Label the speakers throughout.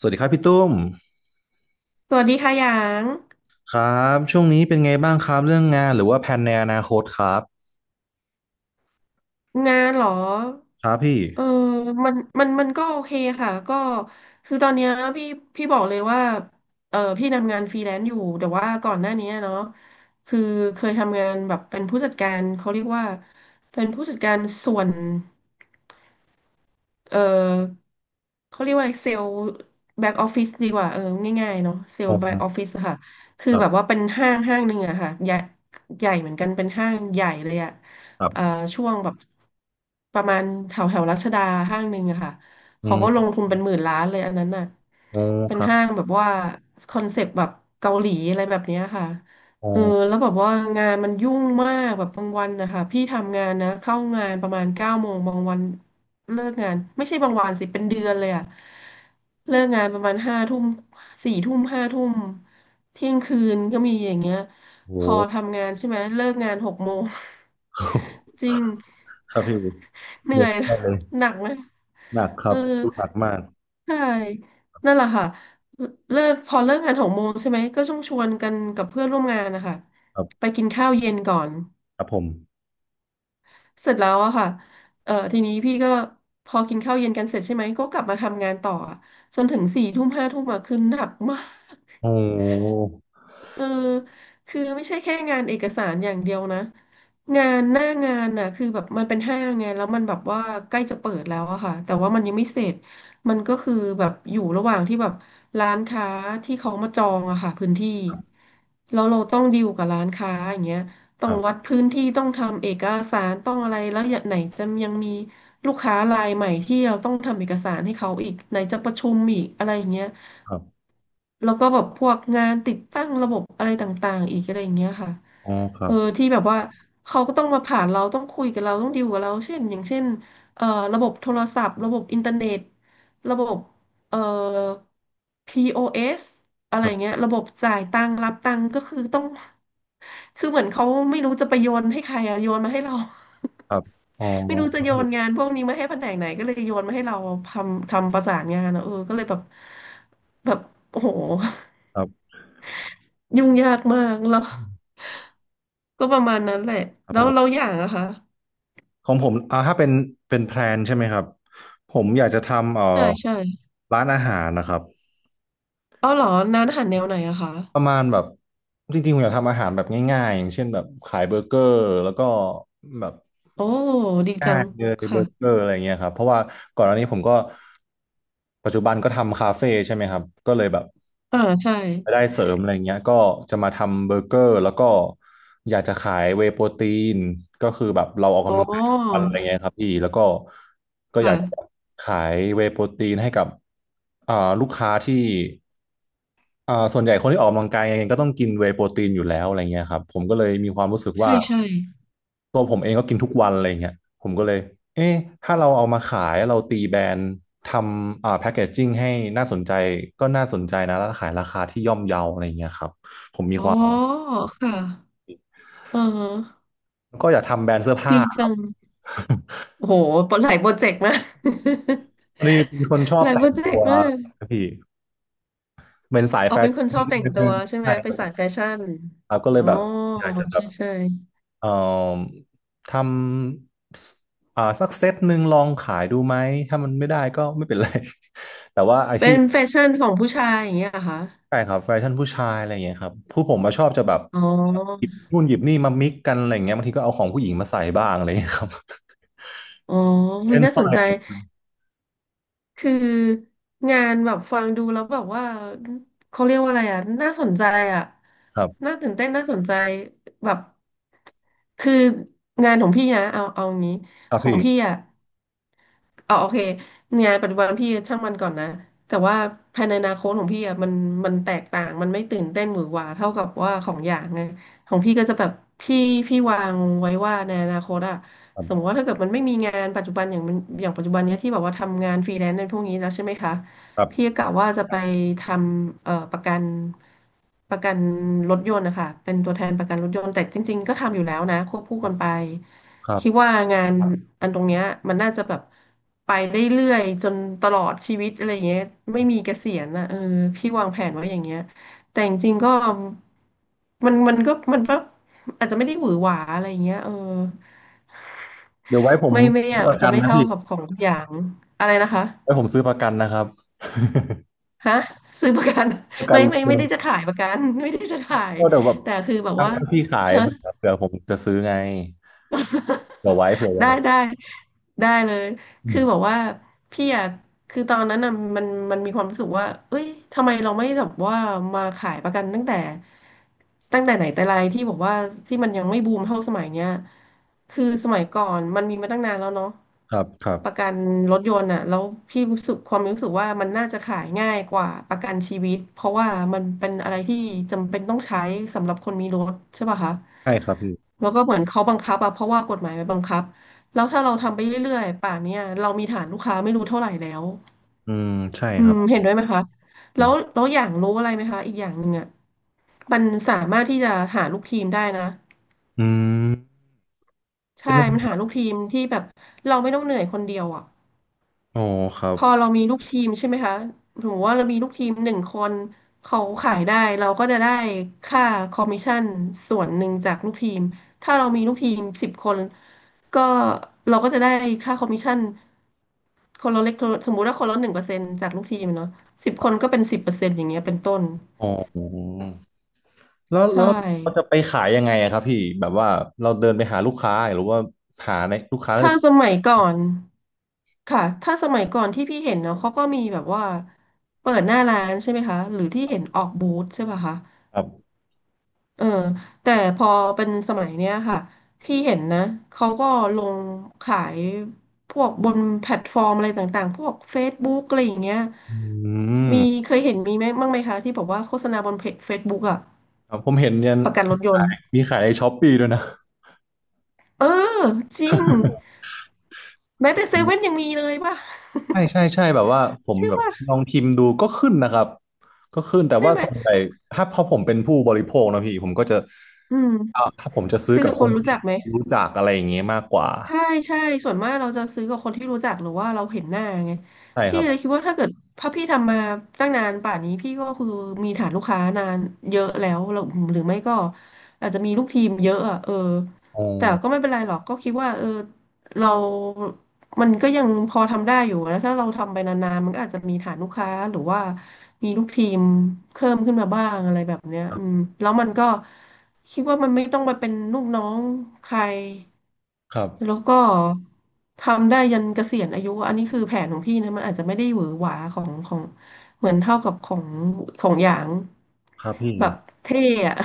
Speaker 1: สวัสดีครับพี่ตุ้ม
Speaker 2: สวัสดีค่ะหยาง
Speaker 1: ครับช่วงนี้เป็นไงบ้างครับเรื่องงานหรือว่าแผนในอนาคตครับ
Speaker 2: งานเหรอ
Speaker 1: ครับพี่
Speaker 2: เออมันก็โอเคค่ะก็คือตอนเนี้ยพี่พี่บอกเลยว่าพี่ทำงานฟรีแลนซ์อยู่แต่ว่าก่อนหน้านี้เนาะคือเคยทำงานแบบเป็นผู้จัดการเขาเรียกว่าเป็นผู้จัดการส่วน เออเขาเรียกว่าเซลล์แบ็กออฟฟิศดีกว่าง่ายๆเนาะเซล
Speaker 1: โอ
Speaker 2: ล์แบ็กออฟ
Speaker 1: ้
Speaker 2: ฟิศค่ะคือ
Speaker 1: ครั
Speaker 2: แบบว่า
Speaker 1: บ
Speaker 2: เป็นห้างห้างหนึ่งอะค่ะใหญ่ใหญ่เหมือนกันเป็นห้างใหญ่เลยอะ
Speaker 1: ครั
Speaker 2: เอ่อ
Speaker 1: บ
Speaker 2: ช่วงแบบประมาณแถวแถวรัชดาห้างหนึ่งอะค่ะ
Speaker 1: อื
Speaker 2: เขาก็ลง
Speaker 1: ม
Speaker 2: ทุนเป็นหมื่นล้านเลยอันนั้นน่ะ
Speaker 1: โอ้
Speaker 2: เป็น
Speaker 1: ครับ
Speaker 2: ห้างแบบว่าคอนเซปต์แบบเกาหลีอะไรแบบเนี้ยค่ะ
Speaker 1: โอ้
Speaker 2: เออแล้วแบบว่างานมันยุ่งมากแบบบางวันนะคะพี่ทำงานนะเข้างานประมาณเก้าโมงบางวันเลิกงานไม่ใช่บางวันสิเป็นเดือนเลยอะเลิกงานประมาณห้าทุ่มสี่ทุ่มห้าทุ่มเที่ยงคืนก็มีอย่างเงี้ย
Speaker 1: โห
Speaker 2: พอทำงานใช่ไหมเลิกงานหกโมง จริง
Speaker 1: ครับพี่เดื
Speaker 2: เหนื่อ
Speaker 1: อด
Speaker 2: ยนะ
Speaker 1: ได้เลย
Speaker 2: หนักไหม
Speaker 1: หนักค
Speaker 2: เอ
Speaker 1: รั
Speaker 2: อ
Speaker 1: บหนักมาก
Speaker 2: ใช่นั่นแหละค่ะ เลิกพอเลิกงานหกโมงใช่ไหมก็ต้องชวนกันกับเพื่อนร่วมงานนะคะ
Speaker 1: ครั
Speaker 2: ไป
Speaker 1: บ
Speaker 2: กินข้าวเย็นก่อน
Speaker 1: ครับผม
Speaker 2: เสร็จแล้วอะค่ะเออทีนี้พี่ก็พอกินข้าวเย็นกันเสร็จใช่ไหมก็กลับมาทำงานต่ออะจนถึงสี่ทุ่มห้าทุ่มอะคือหนักมาก
Speaker 1: โอ้
Speaker 2: เออคือไม่ใช่แค่งานเอกสารอย่างเดียวนะ งานหน้างานน่ะคือแบบมันเป็นห้างไงแล้วมันแบบว่าใกล้จะเปิดแล้วอะค่ะแต่ว่ามันยังไม่เสร็จ มันก็คือแบบอยู่ระหว่างที่แบบร้านค้าที่เขามาจองอะค่ะพื้นที่
Speaker 1: ครับ
Speaker 2: แล้วเราต้องดีลกับร้านค้าอย่างเงี้ย ต้
Speaker 1: ค
Speaker 2: อง
Speaker 1: รั
Speaker 2: วัด
Speaker 1: บ
Speaker 2: พื้นที่ต้องทำเอกสารต้องอะไรแล้วอย่างไหนจะยังมีลูกค้ารายใหม่ที่เราต้องทำเอกสารให้เขาอีกไหนจะประชุมอีกอะไรอย่างเงี้ย
Speaker 1: ครับ
Speaker 2: แล้วก็แบบพวกงานติดตั้งระบบอะไรต่างๆอีกอะไรอย่างเงี้ยค่ะ
Speaker 1: อ๋อครับ
Speaker 2: ที่แบบว่าเขาก็ต้องมาผ่านเราต้องคุยกับเราต้องดีลกับเราเช่นอย่างเช่นเอ่อระบบโทรศัพท์ระบบอินเทอร์เน็ตระบบเอ่อพีโอเ o s อะไร
Speaker 1: ครั
Speaker 2: เงี้
Speaker 1: บ
Speaker 2: ยระบบจ่ายตังค์รับตังค์ก็คือต้อง คือเหมือนเขาไม่รู้จะไปโยนให้ใครอะโยนมาให้เรา
Speaker 1: ครับอ๋อ
Speaker 2: ไม่รู้จะโยนงานพวกนี้มาให้แผนกไหนก็เลยโยนมาให้เราทำทำประสานงานอะก็เลยแบบแบบโอ้โห
Speaker 1: ครับ
Speaker 2: ยุ่งยากมากแล้วก็ประมาณนั้นแหละ
Speaker 1: ครับ
Speaker 2: แล้
Speaker 1: ผ
Speaker 2: วเราอ
Speaker 1: ม
Speaker 2: ย่างอะคะ
Speaker 1: ของผมอ่าถ้าเป็นเป็นแพลนใช่ไหมครับผมอยากจะทำ
Speaker 2: ใช่ใช่
Speaker 1: ร้านอาหารนะครับ
Speaker 2: เอาเหรอร้านอาหารแนวไหนอะคะ
Speaker 1: ประมาณแบบจริงๆผมอยากทำอาหารแบบง่ายๆอย่างเช่นแบบขายเบอร์เกอร์แล้วก็แบบ
Speaker 2: โอ้ดีจั
Speaker 1: ง่า
Speaker 2: ง
Speaker 1: ยเลยเบ
Speaker 2: ค่ะ
Speaker 1: อร์เกอร์อะไรเงี้ยครับเพราะว่าก่อนหน้านี้ผมก็ปัจจุบันก็ทำคาเฟ่ใช่ไหมครับก็เลยแบบ
Speaker 2: อ่าใช่
Speaker 1: รายได้เสริมอะไรเงี้ยก็จะมาทำเบอร์เกอร์แล้วก็อยากจะขายเวย์โปรตีนก็คือแบบเราออก
Speaker 2: อ๋อ
Speaker 1: กำลังกายทุกวันอะไรเงี้ยครับพี่แล้วก็ก็อยากจะ
Speaker 2: ค่ะ
Speaker 1: ขายเวย์โปรตีนให้กับอ่าลูกค้าที่ อ่าส่วนใหญ่คนที่ออกกำลังกายยังไงก็ต้องกินเวย์โปรตีนอยู่แล้วอะไรเงี้ยครับผมก็เลยมีความรู้สึก
Speaker 2: ใช่
Speaker 1: ว่า
Speaker 2: ใช่
Speaker 1: ตัวผมเองก็กินทุกวันอะไรเงี้ยผมก็เลยเอ๊ะถ้าเราเอามาขายเราตีแบรนด์ทำอ่าแพ็กเกจจิ้งให้น่าสนใจก็น่าสนใจนะแล้วขายราคาที่ย่อมเยาอะไรเงี้ยครับ
Speaker 2: อ๋อค่ะอ่าฮะ
Speaker 1: ก็อยากทำแบรนด์เสื้อผ้า
Speaker 2: ดี จังโอ้โหหลายโปรเจกต์มาก
Speaker 1: พอดีเป็นคนชอ
Speaker 2: ห
Speaker 1: บ
Speaker 2: ลายโป
Speaker 1: แต่
Speaker 2: ร
Speaker 1: ง
Speaker 2: เจ
Speaker 1: ตั
Speaker 2: ก
Speaker 1: ว
Speaker 2: ต์มาก
Speaker 1: พี่เป็นสาย
Speaker 2: อ๋อ
Speaker 1: แฟ
Speaker 2: เป็นค
Speaker 1: ชั่
Speaker 2: นชอบแต่งตัว
Speaker 1: น
Speaker 2: ใช่ไหม
Speaker 1: ใช่
Speaker 2: ไป
Speaker 1: คร
Speaker 2: สายแฟชั่น
Speaker 1: ับก็เล
Speaker 2: อ๋
Speaker 1: ย
Speaker 2: อ
Speaker 1: แบบอยากจะแบ
Speaker 2: ใช่
Speaker 1: บ
Speaker 2: ใช่
Speaker 1: เอ่อทำสอ่าสักเซตหนึ่งลองขายดูไหมถ้ามันไม่ได้ก็ไม่เป็นไร แต่ว่าไอ้
Speaker 2: เป็
Speaker 1: ที่
Speaker 2: นแฟชั่นของผู้ชายอย่างเงี้ยเหรอคะ
Speaker 1: ใช่ครับแฟชั่นผู้ชายอะไรอย่างเงี้ยครับผู้ผมมาชอบจะแบบ
Speaker 2: อ๋อ
Speaker 1: หยิบนู่นหยิบนี่มามิกกันอะไรอย่างเงี้ยบางทีก็เอาของผู้หญิงมาใส่บ้างอะไรอย่างเงี้ยครับ
Speaker 2: อ๋อ วิ
Speaker 1: เช่น
Speaker 2: น่า
Speaker 1: สร้
Speaker 2: ส
Speaker 1: อ
Speaker 2: น
Speaker 1: ยอะไร
Speaker 2: ใจ
Speaker 1: อย่างเงี้ย
Speaker 2: คืองานแบบฟังดูแล้วแบบว่าเขาเรียกว่าอะไรอ่ะน่าสนใจอ่ะ
Speaker 1: ครับ
Speaker 2: น่าตื่นเต้นน่าสนใจแบบคืองานของพี่นะเอาเอางี้
Speaker 1: ครั
Speaker 2: ข
Speaker 1: บ
Speaker 2: อง
Speaker 1: พี่
Speaker 2: พี่อ่ะ อ๋อโอเคงานปัจจุบันพี่ช่างมันก่อนนะแต่ว่าภายในอนาคตของพี่อ่ะมันมันแตกต่างมันไม่ตื่นเต้นหวือหวาเท่ากับว่าของอย่างไงของพี่ก็จะแบบพี่พี่วางไว้ว่าในอนาคตอ่ะ
Speaker 1: ค
Speaker 2: สมมติ
Speaker 1: รับ
Speaker 2: ว่าถ้าเกิดมันไม่มีงานปัจจุบันอย่างมันอย่างปัจจุบันเนี้ยที่แบบว่าทำงานฟรีแลนซ์ในพวกนี้แล้วใช่ไหมคะ
Speaker 1: ครั
Speaker 2: พี่ก็
Speaker 1: บ
Speaker 2: กะว่าจะไปทำประกันประกันรถยนต์นะคะเป็นตัวแทนประกันรถยนต์แต่จริงๆก็ทำอยู่แล้วนะควบคู่กันไป
Speaker 1: ครั
Speaker 2: คิด
Speaker 1: บ
Speaker 2: ว่างานครับอันตรงเนี้ยมันน่าจะแบบไปได้เรื่อยจนตลอดชีวิตอะไรเงี้ยไม่มีเกษียณนะเออพี่วางแผนไว้อย่างเงี้ยแต่จริงๆก็มันก็อาจจะไม่ได้หวือหวาอะไรเงี้ย
Speaker 1: เดี๋ยวไว้ผม
Speaker 2: ไม่ไม่อ
Speaker 1: ซื้อป
Speaker 2: อา
Speaker 1: ระ
Speaker 2: จจะ
Speaker 1: กัน
Speaker 2: ไม่
Speaker 1: นะ
Speaker 2: เท่า
Speaker 1: พี่
Speaker 2: กับของทุกอย่างอะไรนะคะ
Speaker 1: ไว้ผมซื้อประกันนะครับ
Speaker 2: ฮะซื้อประกัน
Speaker 1: ประ กัน
Speaker 2: ไม่
Speaker 1: รถ
Speaker 2: ไม่
Speaker 1: ย
Speaker 2: ไม่
Speaker 1: น
Speaker 2: ได้
Speaker 1: ต์
Speaker 2: จะขายประกัน ไม่ได้จะขาย
Speaker 1: ก็เดี๋ยวแบบ
Speaker 2: แต่คือแบบว่า
Speaker 1: ถ้าพี่ขาย
Speaker 2: ฮะ
Speaker 1: เผื่อผมจะซื้อไง เผื่อไว้เผื่อ
Speaker 2: ได้
Speaker 1: ไว้
Speaker 2: ได้ได้เลย คือแบบว่าพี่อะคือตอนนั้นอะมันมันมีความรู้สึกว่าเอ้ยทำไมเราไม่แบบว่ามาขายประกันตั้งแต่ไหนแต่ไรที่บอกว่าที่มันยังไม่บูมเท่าสมัยเนี้ยคือสมัยก่อนมันมีมาตั้งนานแล้วเนาะ
Speaker 1: ครับครับ
Speaker 2: ประกันรถยนต์อะแล้วพี่รู้สึกความรู้สึกว่ามันน่าจะขายง่ายกว่าประกันชีวิตเพราะว่ามันเป็นอะไรที่จำเป็นต้องใช้สำหรับคนมีรถใช่ป่ะคะ
Speaker 1: ใช่ครับพี่
Speaker 2: แล้วก็เหมือนเขาบังคับอะเพราะว่ากฎหมายมันบังคับ แล้วถ้าเราทำไปเรื่อยๆ ป่านเนี้ยเรามีฐานลูกค้าไม่รู้เท่าไหร่แล้ว
Speaker 1: อืมใช่
Speaker 2: อื
Speaker 1: ครั
Speaker 2: ม
Speaker 1: บ
Speaker 2: เห็นด้วยไหมคะแล้วอย่างรู้อะไรไหมคะ อีกอย่างหนึ่งอ่ะมันสามารถที่จะหาลูกทีมได้นะ
Speaker 1: อืมเป็
Speaker 2: ใช่
Speaker 1: น
Speaker 2: มันหาลูกทีมที่แบบเราไม่ต้องเหนื่อยคนเดียวอ่ะ
Speaker 1: อ๋อครั
Speaker 2: พ
Speaker 1: บ
Speaker 2: อเรามีลูกทีมใช่ไหมคะสมมติว่าเรามีลูกทีมหนึ่งคนเขาขายได้เราก็จะได้ค่าคอมมิชชั่นส่วนหนึ่งจากลูกทีมถ้าเรามีลูกทีมสิบคนก็เราก็จะได้ค่าคอมมิชชั่นคนละเล็กคนละสมมุติว่าคนละ1%จากลูกทีมเนาะสิบคนก็เป็น10%อย่างเงี้ยเป็นต้น
Speaker 1: อ๋อแล้ว
Speaker 2: ใช่
Speaker 1: แล้วเราจะไปขายยังไงอะครับพี่แบบว่าเราเดินไปหาลูกค้าหรือว่าหาในลูกค้าแล้ว
Speaker 2: ถ้า
Speaker 1: จะ
Speaker 2: สมัยก่อนค่ะถ้าสมัยก่อนที่พี่เห็นเนาะเขาก็มีแบบว่าเปิดหน้าร้านใช่ไหมคะหรือที่เห็นออกบูธใช่ป่ะคะ
Speaker 1: ครับ
Speaker 2: เออแต่พอเป็นสมัยเนี้ยค่ะพี่เห็นนะเขาก็ลงขายพวกบนแพลตฟอร์มอะไรต่างๆพวก Facebook อะไรอย่างเงี้ย
Speaker 1: อืม
Speaker 2: มีเคยเห็นมีไหมบ้างไหมคะที่บอกว่าโฆษณาบนเพจ Facebook อะ
Speaker 1: ครับผมเห็นยัน
Speaker 2: ประกันรถยนต์
Speaker 1: มีขายในช้อปปี้ด้วยนะ
Speaker 2: เออจริงแม้แต่เซเว่นยังมีเลยป่ะ
Speaker 1: ใช่ใช่ใช่แบบว่าผ ม
Speaker 2: ใช่
Speaker 1: แบบ
Speaker 2: ป่ะ
Speaker 1: ลองพิมพ์ดูก็ขึ้นนะครับก็ขึ้นแต่
Speaker 2: ใช่
Speaker 1: ว่า
Speaker 2: ไหม
Speaker 1: ส่วนใหญ่ถ้าพอผมเป็นผู้บริโภคนะพี่ผมก็จะ
Speaker 2: อื
Speaker 1: อ่า
Speaker 2: ม
Speaker 1: ถ้าผมจะซื้อ
Speaker 2: ซื้อ
Speaker 1: กับ
Speaker 2: กับค
Speaker 1: ค
Speaker 2: น
Speaker 1: น
Speaker 2: รู้
Speaker 1: ที่
Speaker 2: จักไหม
Speaker 1: รู้จักอะไรอย่างเงี้ยมากกว่า
Speaker 2: ใช่ใช่ส่วนมากเราจะซื้อกับคนที่รู้จักหรือว่าเราเห็นหน้าไง
Speaker 1: ใช่ค
Speaker 2: พี่
Speaker 1: รับ
Speaker 2: เลยคิดว่าถ้าเกิดพระพี่ทำมาตั้งนานป่านนี้พี่ก็คือมีฐานลูกค้านานเยอะแล้วเราหรือไม่ก็อาจจะมีลูกทีมเยอะอ่ะเออ
Speaker 1: อ๋อ
Speaker 2: แต่ก็ไม่เป็นไรหรอกก็คิดว่าเออเรามันก็ยังพอทำได้อยู่นะถ้าเราทำไปนานๆมันก็อาจจะมีฐานลูกค้าหรือว่ามีลูกทีมเพิ่มขึ้นมาบ้างอะไรแบบเนี้ย
Speaker 1: ครั
Speaker 2: อืม
Speaker 1: บ
Speaker 2: แล้วมันก็คิดว่ามันไม่ต้องไปเป็นลูกน้องใคร
Speaker 1: ครั
Speaker 2: แล้
Speaker 1: บ
Speaker 2: วก็ทำได้ยันเกษียณอายุอันนี้คือแผนของพี่นะมันอาจจะไม่ได้หวือหวาของเหมือนเท่ากับของหยาง
Speaker 1: ครับพี่
Speaker 2: แบบเท่อะ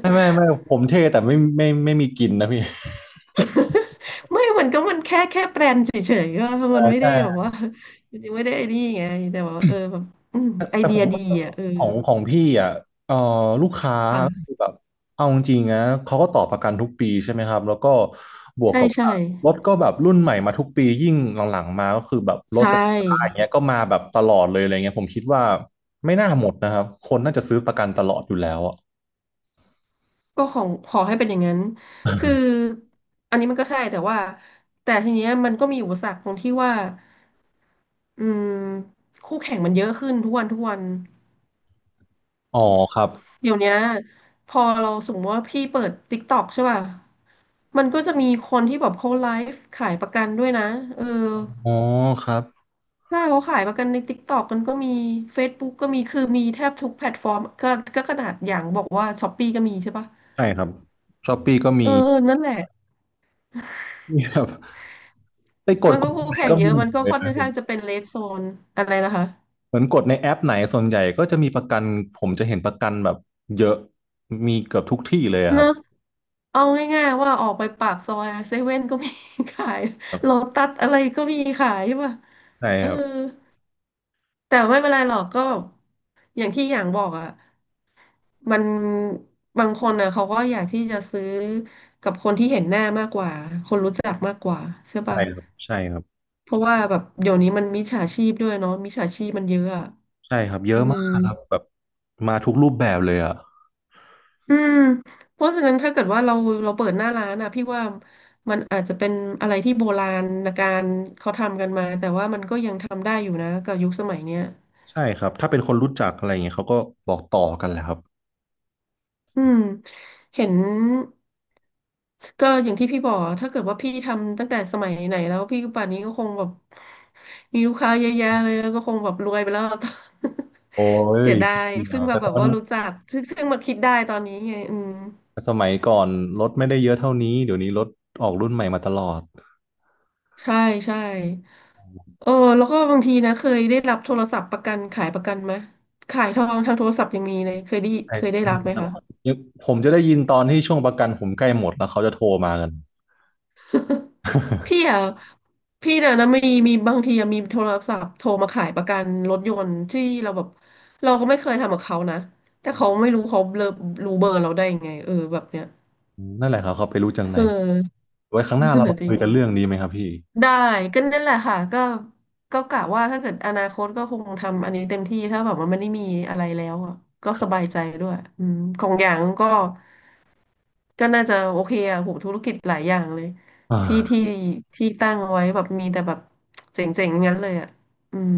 Speaker 1: ไม่ไม่ไม่ผมเท่แต่ไม่ไม่ไม่มีกินนะพี่
Speaker 2: ไม่มันก็มันแค่แปลนเฉยๆก็
Speaker 1: เออ
Speaker 2: มันไม่ได้
Speaker 1: ใช่
Speaker 2: แบบว่ามันยังไม่ได้ไอ้นี่ไงแต่ว่าเออแบบอืมไอเดียดี
Speaker 1: ของ
Speaker 2: อ่ะเออ
Speaker 1: ของพี่อ่ะเอ่อลูกค้า
Speaker 2: ค่ะ
Speaker 1: คือแบบเอาจริงๆนะเขาก็ต่อประกันทุกปีใช่ไหมครับแล้วก็บวก
Speaker 2: ใช่
Speaker 1: กับ
Speaker 2: ใช่
Speaker 1: ว่ารถก็แบบรุ่นใหม่มาทุกปียิ่งหลังๆมาก็คือแบบร
Speaker 2: ใช
Speaker 1: ถไฟฟ้าอย่าง
Speaker 2: ่
Speaker 1: เงี้ยก็มาแบบตลอดเลยอะไรเงี้ยผมคิดว่าไม่น่าหมดนะครับคนน่าจะซื้อประกันตลอดอยู่แล้วอะ
Speaker 2: ก็ของขอให้เป็นอย่างนั้นคืออันนี้มันก็ใช่แต่ว่าแต่ทีเนี้ยมันก็มีอุปสรรคตรงที่ว่า อืมคู่แข่งมันเยอะขึ้นทุกวันทุกวัน
Speaker 1: อ๋อครับ
Speaker 2: เดี๋ยวเนี้ยพอเราสมมติว่าพี่เปิด TikTok ใช่ป่ะมันก็จะมีคนที่แบบเขาไลฟ์ขายประกันด้วยนะเออ
Speaker 1: อ๋อครับ
Speaker 2: ถ้าเขาขายประกันใน TikTok มันก็มี Facebook ก็มีคือมีแทบทุกแพลตฟอร์มก็ก็ขนาดอย่างบอกว่า Shopee ก็มีใช่ป่ะ
Speaker 1: ใช่ครับช้อปปี้ก็
Speaker 2: เอ
Speaker 1: มี
Speaker 2: อนั่นแหละ
Speaker 1: มีครับ ไปก
Speaker 2: มั
Speaker 1: ด
Speaker 2: น
Speaker 1: ก
Speaker 2: ก็
Speaker 1: ด
Speaker 2: คู่
Speaker 1: ไหน
Speaker 2: แข่ง
Speaker 1: ก็
Speaker 2: เย
Speaker 1: มี
Speaker 2: อะ
Speaker 1: หม
Speaker 2: มัน
Speaker 1: ด
Speaker 2: ก็
Speaker 1: เลย
Speaker 2: ค่อน
Speaker 1: นะ
Speaker 2: ข้างจะเป็น red zone อะไรนะคะ
Speaker 1: เหมือนกดในแอปไหนส่วนใหญ่ก็จะมีประกันผมจะเห็นประกันแบบเยอะมีเกือบทุกที่เลยอะค
Speaker 2: เน
Speaker 1: รับ
Speaker 2: อะ เอาง่ายๆว่าออกไปปากซอยเซเว่นก็มี ขาย
Speaker 1: ครั
Speaker 2: โล
Speaker 1: บ
Speaker 2: ตัสอะไรก็มีขายใช่ป่ะ
Speaker 1: ใช่
Speaker 2: เอ
Speaker 1: ค
Speaker 2: อ
Speaker 1: รับ
Speaker 2: แต่ไม่เป็นไรหรอกก็อย่างที่อย่างบอกอ่ะมันบางคนอ่ะเขาก็อยากที่จะซื้อกับคนที่เห็นหน้ามากกว่าคนรู้จักมากกว่าใช่
Speaker 1: ใช่
Speaker 2: ป่ะ
Speaker 1: ครับใช่ครับ
Speaker 2: เพราะว่าแบบเดี๋ยวนี้มันมิจฉาชีพด้วยเนาะมิจฉาชีพมันเยอะอะ
Speaker 1: ใช่ครับเย
Speaker 2: อื
Speaker 1: อะ
Speaker 2: ม
Speaker 1: มากครับแบบมาทุกรูปแบบเลยอ่ะ
Speaker 2: อืมเพราะฉะนั้นถ้าเกิดว่าเราเราเปิดหน้าร้านอ่ะพี่ว่ามันอาจจะเป็นอะไรที่โบราณการเขาทำกันมาแต่ว่ามันก็ยังทำได้อยู่นะกับยุคสมัยเนี้ย
Speaker 1: ใช่ครับถ้าเป็นคนรู้จักอะไรอย่างเงี้ยเขาก็บอกต่อกันแหละครับ
Speaker 2: อืมเห็นก็อย่างที่พี่บอกอะถ้าเกิดว่าพี่ทำตั้งแต่สมัยไหนแล้วพี่ป่านนี้ก็คงแบบมีลูกค้าเยอะแยะเลยแล้วก็คงแบบรวยไปแล้ว
Speaker 1: โอ้
Speaker 2: เสี
Speaker 1: ย
Speaker 2: ยดา
Speaker 1: ไม่
Speaker 2: ย
Speaker 1: เกี่ย
Speaker 2: เพิ่
Speaker 1: ว
Speaker 2: งมา
Speaker 1: แต่
Speaker 2: แบ
Speaker 1: ตอ
Speaker 2: บ
Speaker 1: น
Speaker 2: ว่ารู้จักซึ่งมาคิดได้ตอนนี้ไงอืม
Speaker 1: สมัยก่อนรถไม่ได้เยอะเท่านี้เดี๋ยวนี้รถออกรุ่นใหม่มาตลอด
Speaker 2: ใช่ใช่ เออแล้วก็บางทีนะเคยได้รับโทรศัพท์ประกันขายประกันไหมขายทองทางโทรศัพท์ยังมีเลย
Speaker 1: ใช่
Speaker 2: เคยได้รั
Speaker 1: มี
Speaker 2: บไหม
Speaker 1: ตลอด
Speaker 2: คะ
Speaker 1: ผมจะได้ยินตอนที่ช่วงประกันผมใกล้หมดแล้วเขาจะโทรมากัน
Speaker 2: พี่อ่ะพี่น่ะนะมีมีบางทีอะมีโทรศัพท์โทรมาขายประกันรถยนต์ที่เราแบบเราก็ไม่เคยทำกับเขานะแต่เขาไม่รู้เขาเลอรู้เบอร์เราได้ยังไงเออแบบเนี้ย
Speaker 1: นั่นแหละครับเขาไปรู้จังไห
Speaker 2: เอ
Speaker 1: น
Speaker 2: อ
Speaker 1: ไว้ครั้งหน้า
Speaker 2: นั่น
Speaker 1: เรา
Speaker 2: แหละ
Speaker 1: มา
Speaker 2: ดิ
Speaker 1: คุยกันเรื่องนี้ไหมครับพี่
Speaker 2: ได้ก็นั่นแหละค่ะก็ก็กะว่าถ้าเกิดอนาคตก็คงทำอันนี้เต็มที่ถ้าแบบว่ามันไม่ได้มีอะไรแล้วอะก็สบายใจด้วยอืมของอย่างก็ ก็น่าจะโอเคอะโหธุรกิจหลายอย่างเลย
Speaker 1: อ่
Speaker 2: ที่ที่
Speaker 1: า
Speaker 2: ที่ตั้งไว้แบบมีแต่แบบเจ๋งๆงั้นเลยอะอืม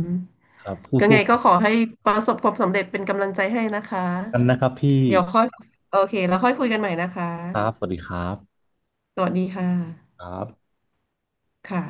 Speaker 1: ครับคู่
Speaker 2: ก็ไงก็ขอให้ประสบความสำเร็จเป็นกำลังใจให้นะคะ
Speaker 1: ๆกันนะครับพี่
Speaker 2: เดี๋ยวค่อยโอเคแล้วค่อยคุยกันใหม่นะคะ
Speaker 1: ครับสวัสดีครับ
Speaker 2: สวัสดีค่ะ
Speaker 1: ครับ
Speaker 2: ค่ะ